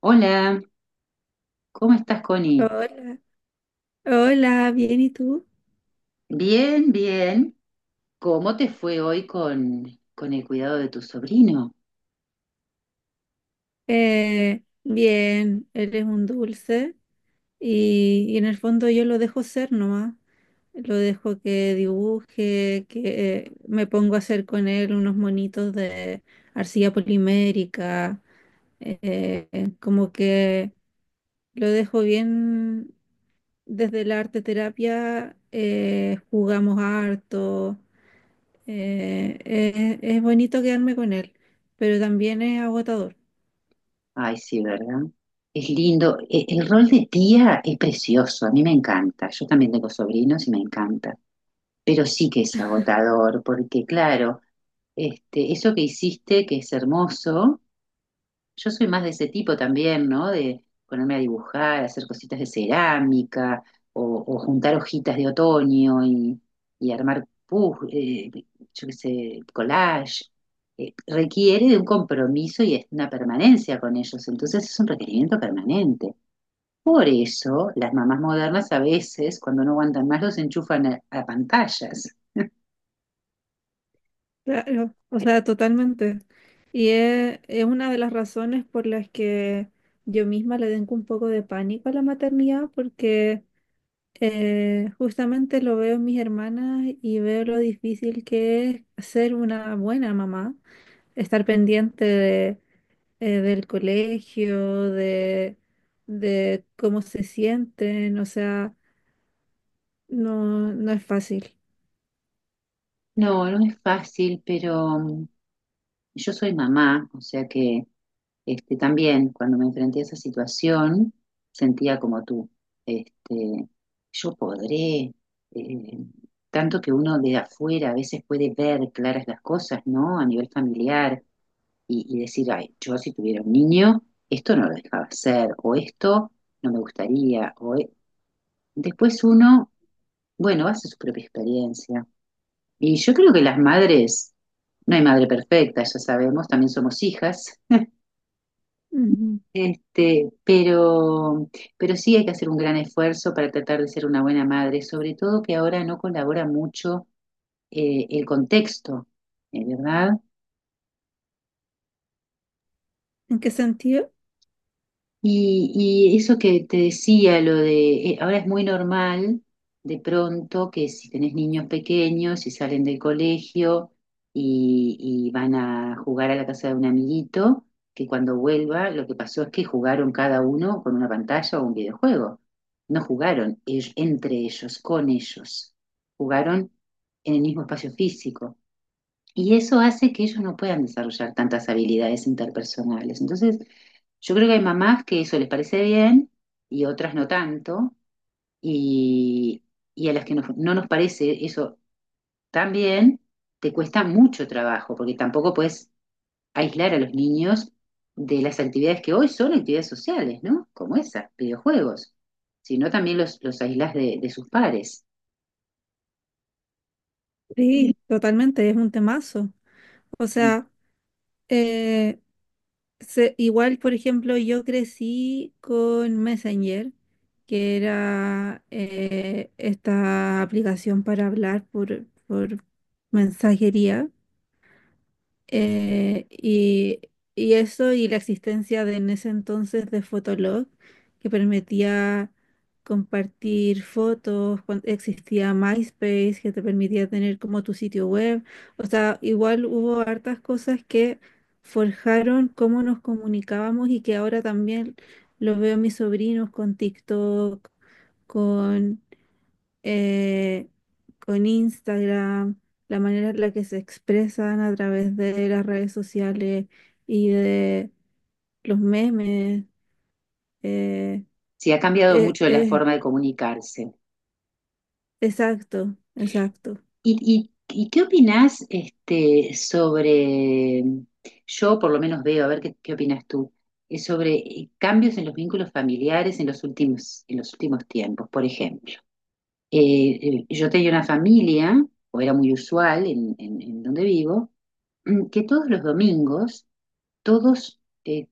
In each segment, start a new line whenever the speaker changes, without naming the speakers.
Hola, ¿cómo estás, Connie?
Hola, hola, bien, ¿y tú?
Bien, bien. ¿Cómo te fue hoy con el cuidado de tu sobrino?
Bien, eres un dulce. Y en el fondo yo lo dejo ser nomás, lo dejo que dibuje, que me pongo a hacer con él unos monitos de arcilla polimérica, eh, como que lo dejo bien desde la arte terapia, jugamos harto, es bonito quedarme con él, pero también es agotador.
Ay, sí, ¿verdad? Es lindo. El rol de tía es precioso, a mí me encanta. Yo también tengo sobrinos y me encanta. Pero sí que es agotador, porque claro, este, eso que hiciste, que es hermoso. Yo soy más de ese tipo también, ¿no? De ponerme a dibujar, hacer cositas de cerámica o juntar hojitas de otoño y armar, yo qué sé, collage. Requiere de un compromiso y es una permanencia con ellos, entonces es un requerimiento permanente. Por eso las mamás modernas a veces, cuando no aguantan más, los enchufan a pantallas.
Claro, o sea, totalmente. Es una de las razones por las que yo misma le tengo un poco de pánico a la maternidad, porque justamente lo veo en mis hermanas y veo lo difícil que es ser una buena mamá, estar pendiente del colegio, de cómo se sienten, o sea, no, no es fácil.
No, no es fácil, pero yo soy mamá, o sea que este, también cuando me enfrenté a esa situación sentía como tú, este, yo podré, eh, tanto que uno de afuera a veces puede ver claras las cosas, ¿no? A nivel familiar y decir, ay, yo si tuviera un niño, esto no lo dejaba hacer, o esto no me gustaría, o después uno, bueno, hace su propia experiencia y yo creo que las madres, no hay madre perfecta, ya sabemos, también somos hijas,
Ujú.
este, pero sí hay que hacer un gran esfuerzo para tratar de ser una buena madre, sobre todo que ahora no colabora mucho el contexto, ¿verdad?
¿En qué sentido?
Y, y eso que te decía, lo de, ahora es muy normal de pronto que si tenés niños pequeños y salen del colegio y, y van a jugar a la casa de un amiguito, que cuando vuelva lo que pasó es que jugaron cada uno con una pantalla o un videojuego. No jugaron entre ellos, con ellos. Jugaron en el mismo espacio físico. Y eso hace que ellos no puedan desarrollar tantas habilidades interpersonales. Entonces, yo creo que hay mamás que eso les parece bien y otras no tanto, y, y a las que no, no nos parece eso tan bien, te cuesta mucho trabajo, porque tampoco puedes aislar a los niños de las actividades que hoy son actividades sociales, ¿no? Como esas, videojuegos, sino también los aislas de sus pares.
Sí, totalmente, es un temazo. O sea, eh, igual, por ejemplo, yo crecí con Messenger, que era esta aplicación para hablar por mensajería. Eh, y, y eso y la existencia de en ese entonces de Fotolog, que permitía compartir fotos, cuando existía MySpace, que te permitía tener como tu sitio web. O sea, igual hubo hartas cosas que forjaron cómo nos comunicábamos y que ahora también lo veo en mis sobrinos con TikTok, eh, con Instagram, la manera en la que se expresan a través de las redes sociales y de los memes. eh,
Sí, ha cambiado
eh,
mucho la
eh,
forma de comunicarse.
exacto, exacto.
¿ Y qué opinás este, sobre, yo por lo menos veo, a ver qué, qué opinas tú, sobre cambios en los vínculos familiares en los últimos tiempos? Por ejemplo, yo tenía una familia, o era muy usual en donde vivo, mm, que todos los domingos todos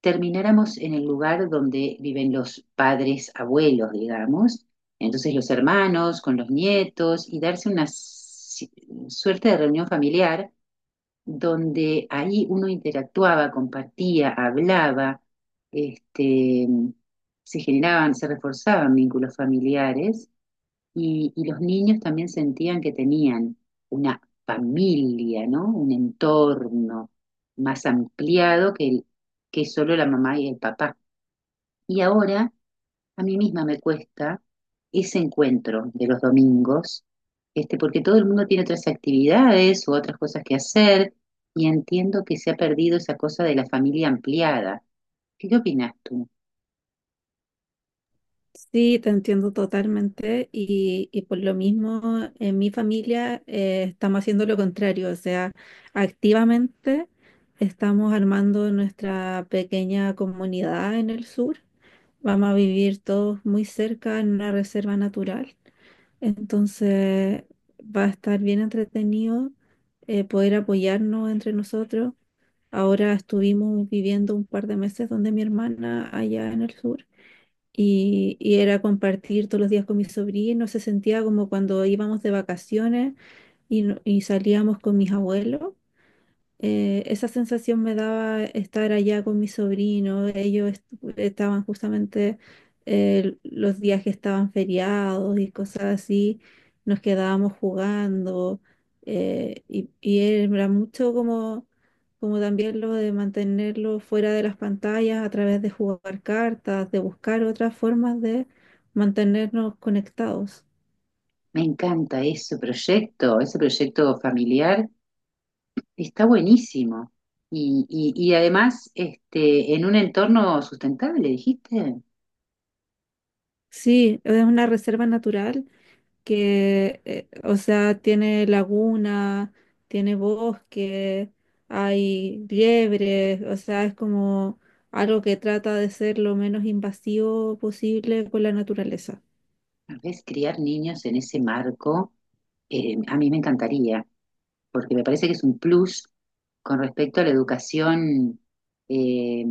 termináramos en el lugar donde viven los padres, abuelos, digamos, entonces los hermanos con los nietos y darse una suerte de reunión familiar donde ahí uno interactuaba, compartía, hablaba, este, se generaban, se reforzaban vínculos familiares y los niños también sentían que tenían una familia, ¿no? Un entorno más ampliado que que solo la mamá y el papá. Y ahora a mí misma me cuesta ese encuentro de los domingos, este, porque todo el mundo tiene otras actividades u otras cosas que hacer, y entiendo que se ha perdido esa cosa de la familia ampliada. ¿Qué opinas tú?
Sí, te entiendo totalmente y por lo mismo en mi familia estamos haciendo lo contrario, o sea, activamente estamos armando nuestra pequeña comunidad en el sur, vamos a vivir todos muy cerca en una reserva natural, entonces va a estar bien entretenido poder apoyarnos entre nosotros. Ahora estuvimos viviendo un par de meses donde mi hermana allá en el sur. Y era compartir todos los días con mis sobrinos, se sentía como cuando íbamos de vacaciones y, no- y salíamos con mis abuelos. Esa sensación me daba estar allá con mi sobrino. Ellos estaban justamente los días que estaban feriados y cosas así. Nos quedábamos jugando y era mucho como, como también lo de mantenerlo fuera de las pantallas a través de jugar cartas, de buscar otras formas de mantenernos conectados.
Me encanta ese proyecto familiar. Está buenísimo. Y además, este, en un entorno sustentable, dijiste,
Sí, es una reserva natural que, o sea, tiene laguna, tiene bosque, hay liebres, o sea, es como algo que trata de ser lo menos invasivo posible con la naturaleza.
tal vez criar niños en ese marco, a mí me encantaría, porque me parece que es un plus con respecto a la educación eh,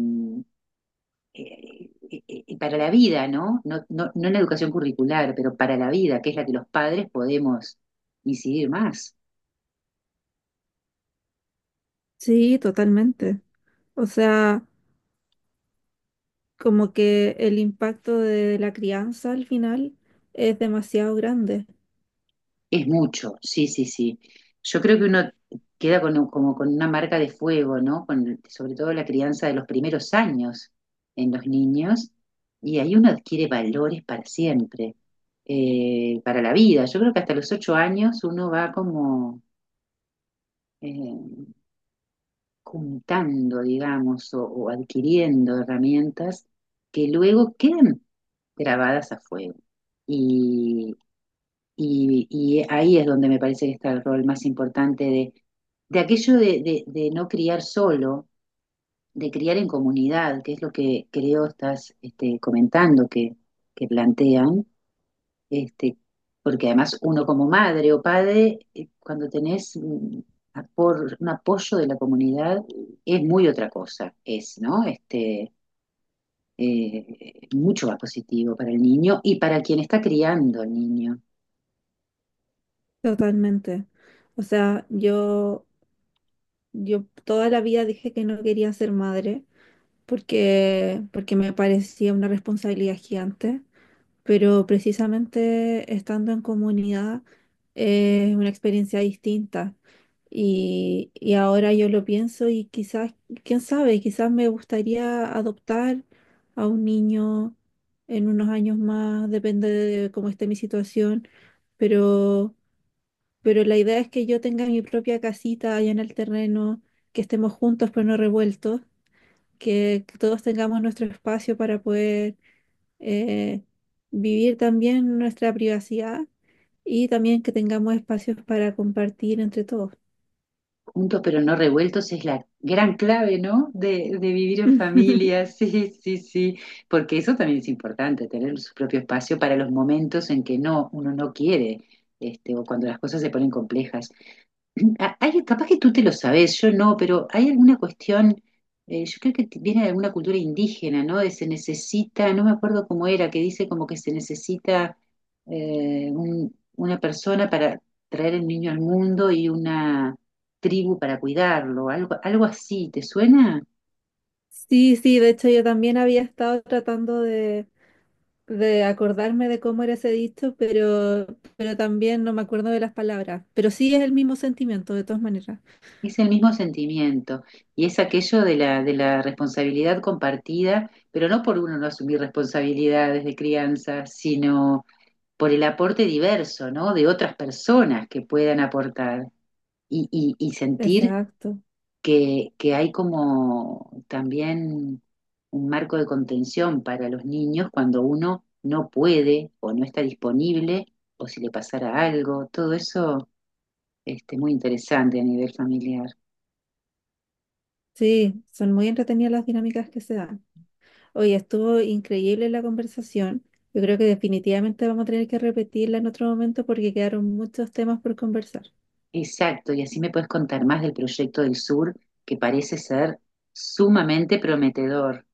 para la vida, ¿no? No, no, no en la educación curricular, pero para la vida, que es la que los padres podemos incidir más.
Sí, totalmente. O sea, como que el impacto de la crianza al final es demasiado grande,
Es mucho, sí, sí, sí. Yo creo que uno queda con, como con una marca de fuego, ¿no? Con, sobre todo la crianza de los primeros años en los niños, y ahí uno adquiere valores para siempre, para la vida. Yo creo que hasta los ocho años uno va como eh, juntando, digamos, o adquiriendo herramientas que luego quedan grabadas a fuego. Y ahí es donde me parece que está el rol más importante de aquello de, de no criar solo, de criar en comunidad, que es lo que creo estás este, comentando, que plantean, este, porque además uno como madre o padre, cuando tenés un apoyo de la comunidad, es muy otra cosa, es, ¿no? Este, mucho más positivo para el niño y para quien está criando al niño.
totalmente. O sea, yo toda la vida dije que no quería ser madre porque me parecía una responsabilidad gigante, pero precisamente estando en comunidad es una experiencia distinta. Y ahora yo lo pienso y quizás, quién sabe, quizás me gustaría adoptar a un niño en unos años más, depende de cómo esté mi situación, pero la idea es que yo tenga mi propia casita allá en el terreno, que estemos juntos pero no revueltos, que todos tengamos nuestro espacio para poder eh, vivir también nuestra privacidad y también que tengamos espacios para compartir entre todos.
Juntos pero no revueltos es la gran clave, ¿no? De vivir en familia, sí, sí, sí, porque eso también es importante, tener su propio espacio para los momentos en que no, uno no quiere, este, o cuando las cosas se ponen complejas Hay, capaz que tú te lo sabes, yo no, pero hay alguna cuestión, yo creo que viene de alguna cultura indígena, ¿no? De se necesita, no me acuerdo cómo era, que dice como que se necesita una persona para traer el niño al mundo y una tribu para cuidarlo, algo, algo así, ¿te suena?
Sí, sí, de hecho yo también había estado tratando de acordarme de cómo era ese dicho, pero también no me acuerdo de las palabras. Pero sí es el mismo sentimiento, de todas maneras.
Es el mismo sentimiento y es aquello de la responsabilidad compartida, pero no por uno no asumir responsabilidades de crianza, sino por el aporte diverso, ¿no? De otras personas que puedan aportar y, y sentir
Exacto.
que hay como también un marco de contención para los niños cuando uno no puede o no está disponible o si le pasara algo, todo eso, este, muy interesante a nivel familiar.
Sí, son muy entretenidas las dinámicas que se dan. Oye, estuvo increíble la conversación. Yo creo que definitivamente vamos a tener que repetirla en otro momento porque quedaron muchos temas por conversar.
Exacto, y así me puedes contar más del proyecto del sur, que parece ser sumamente prometedor.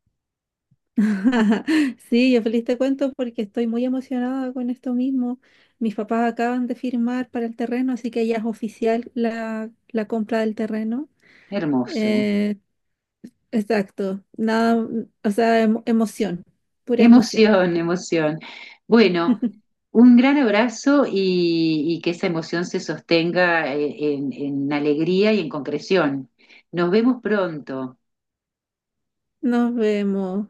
Sí, yo feliz te cuento porque estoy muy emocionada con esto mismo. Mis papás acaban de firmar para el terreno, así que ya es oficial la compra del terreno.
Hermoso.
Eh, exacto, nada, o sea, emoción, pura emoción.
Emoción, emoción. Bueno, un gran abrazo y que esa emoción se sostenga en alegría y en concreción. Nos vemos pronto.
Nos vemos.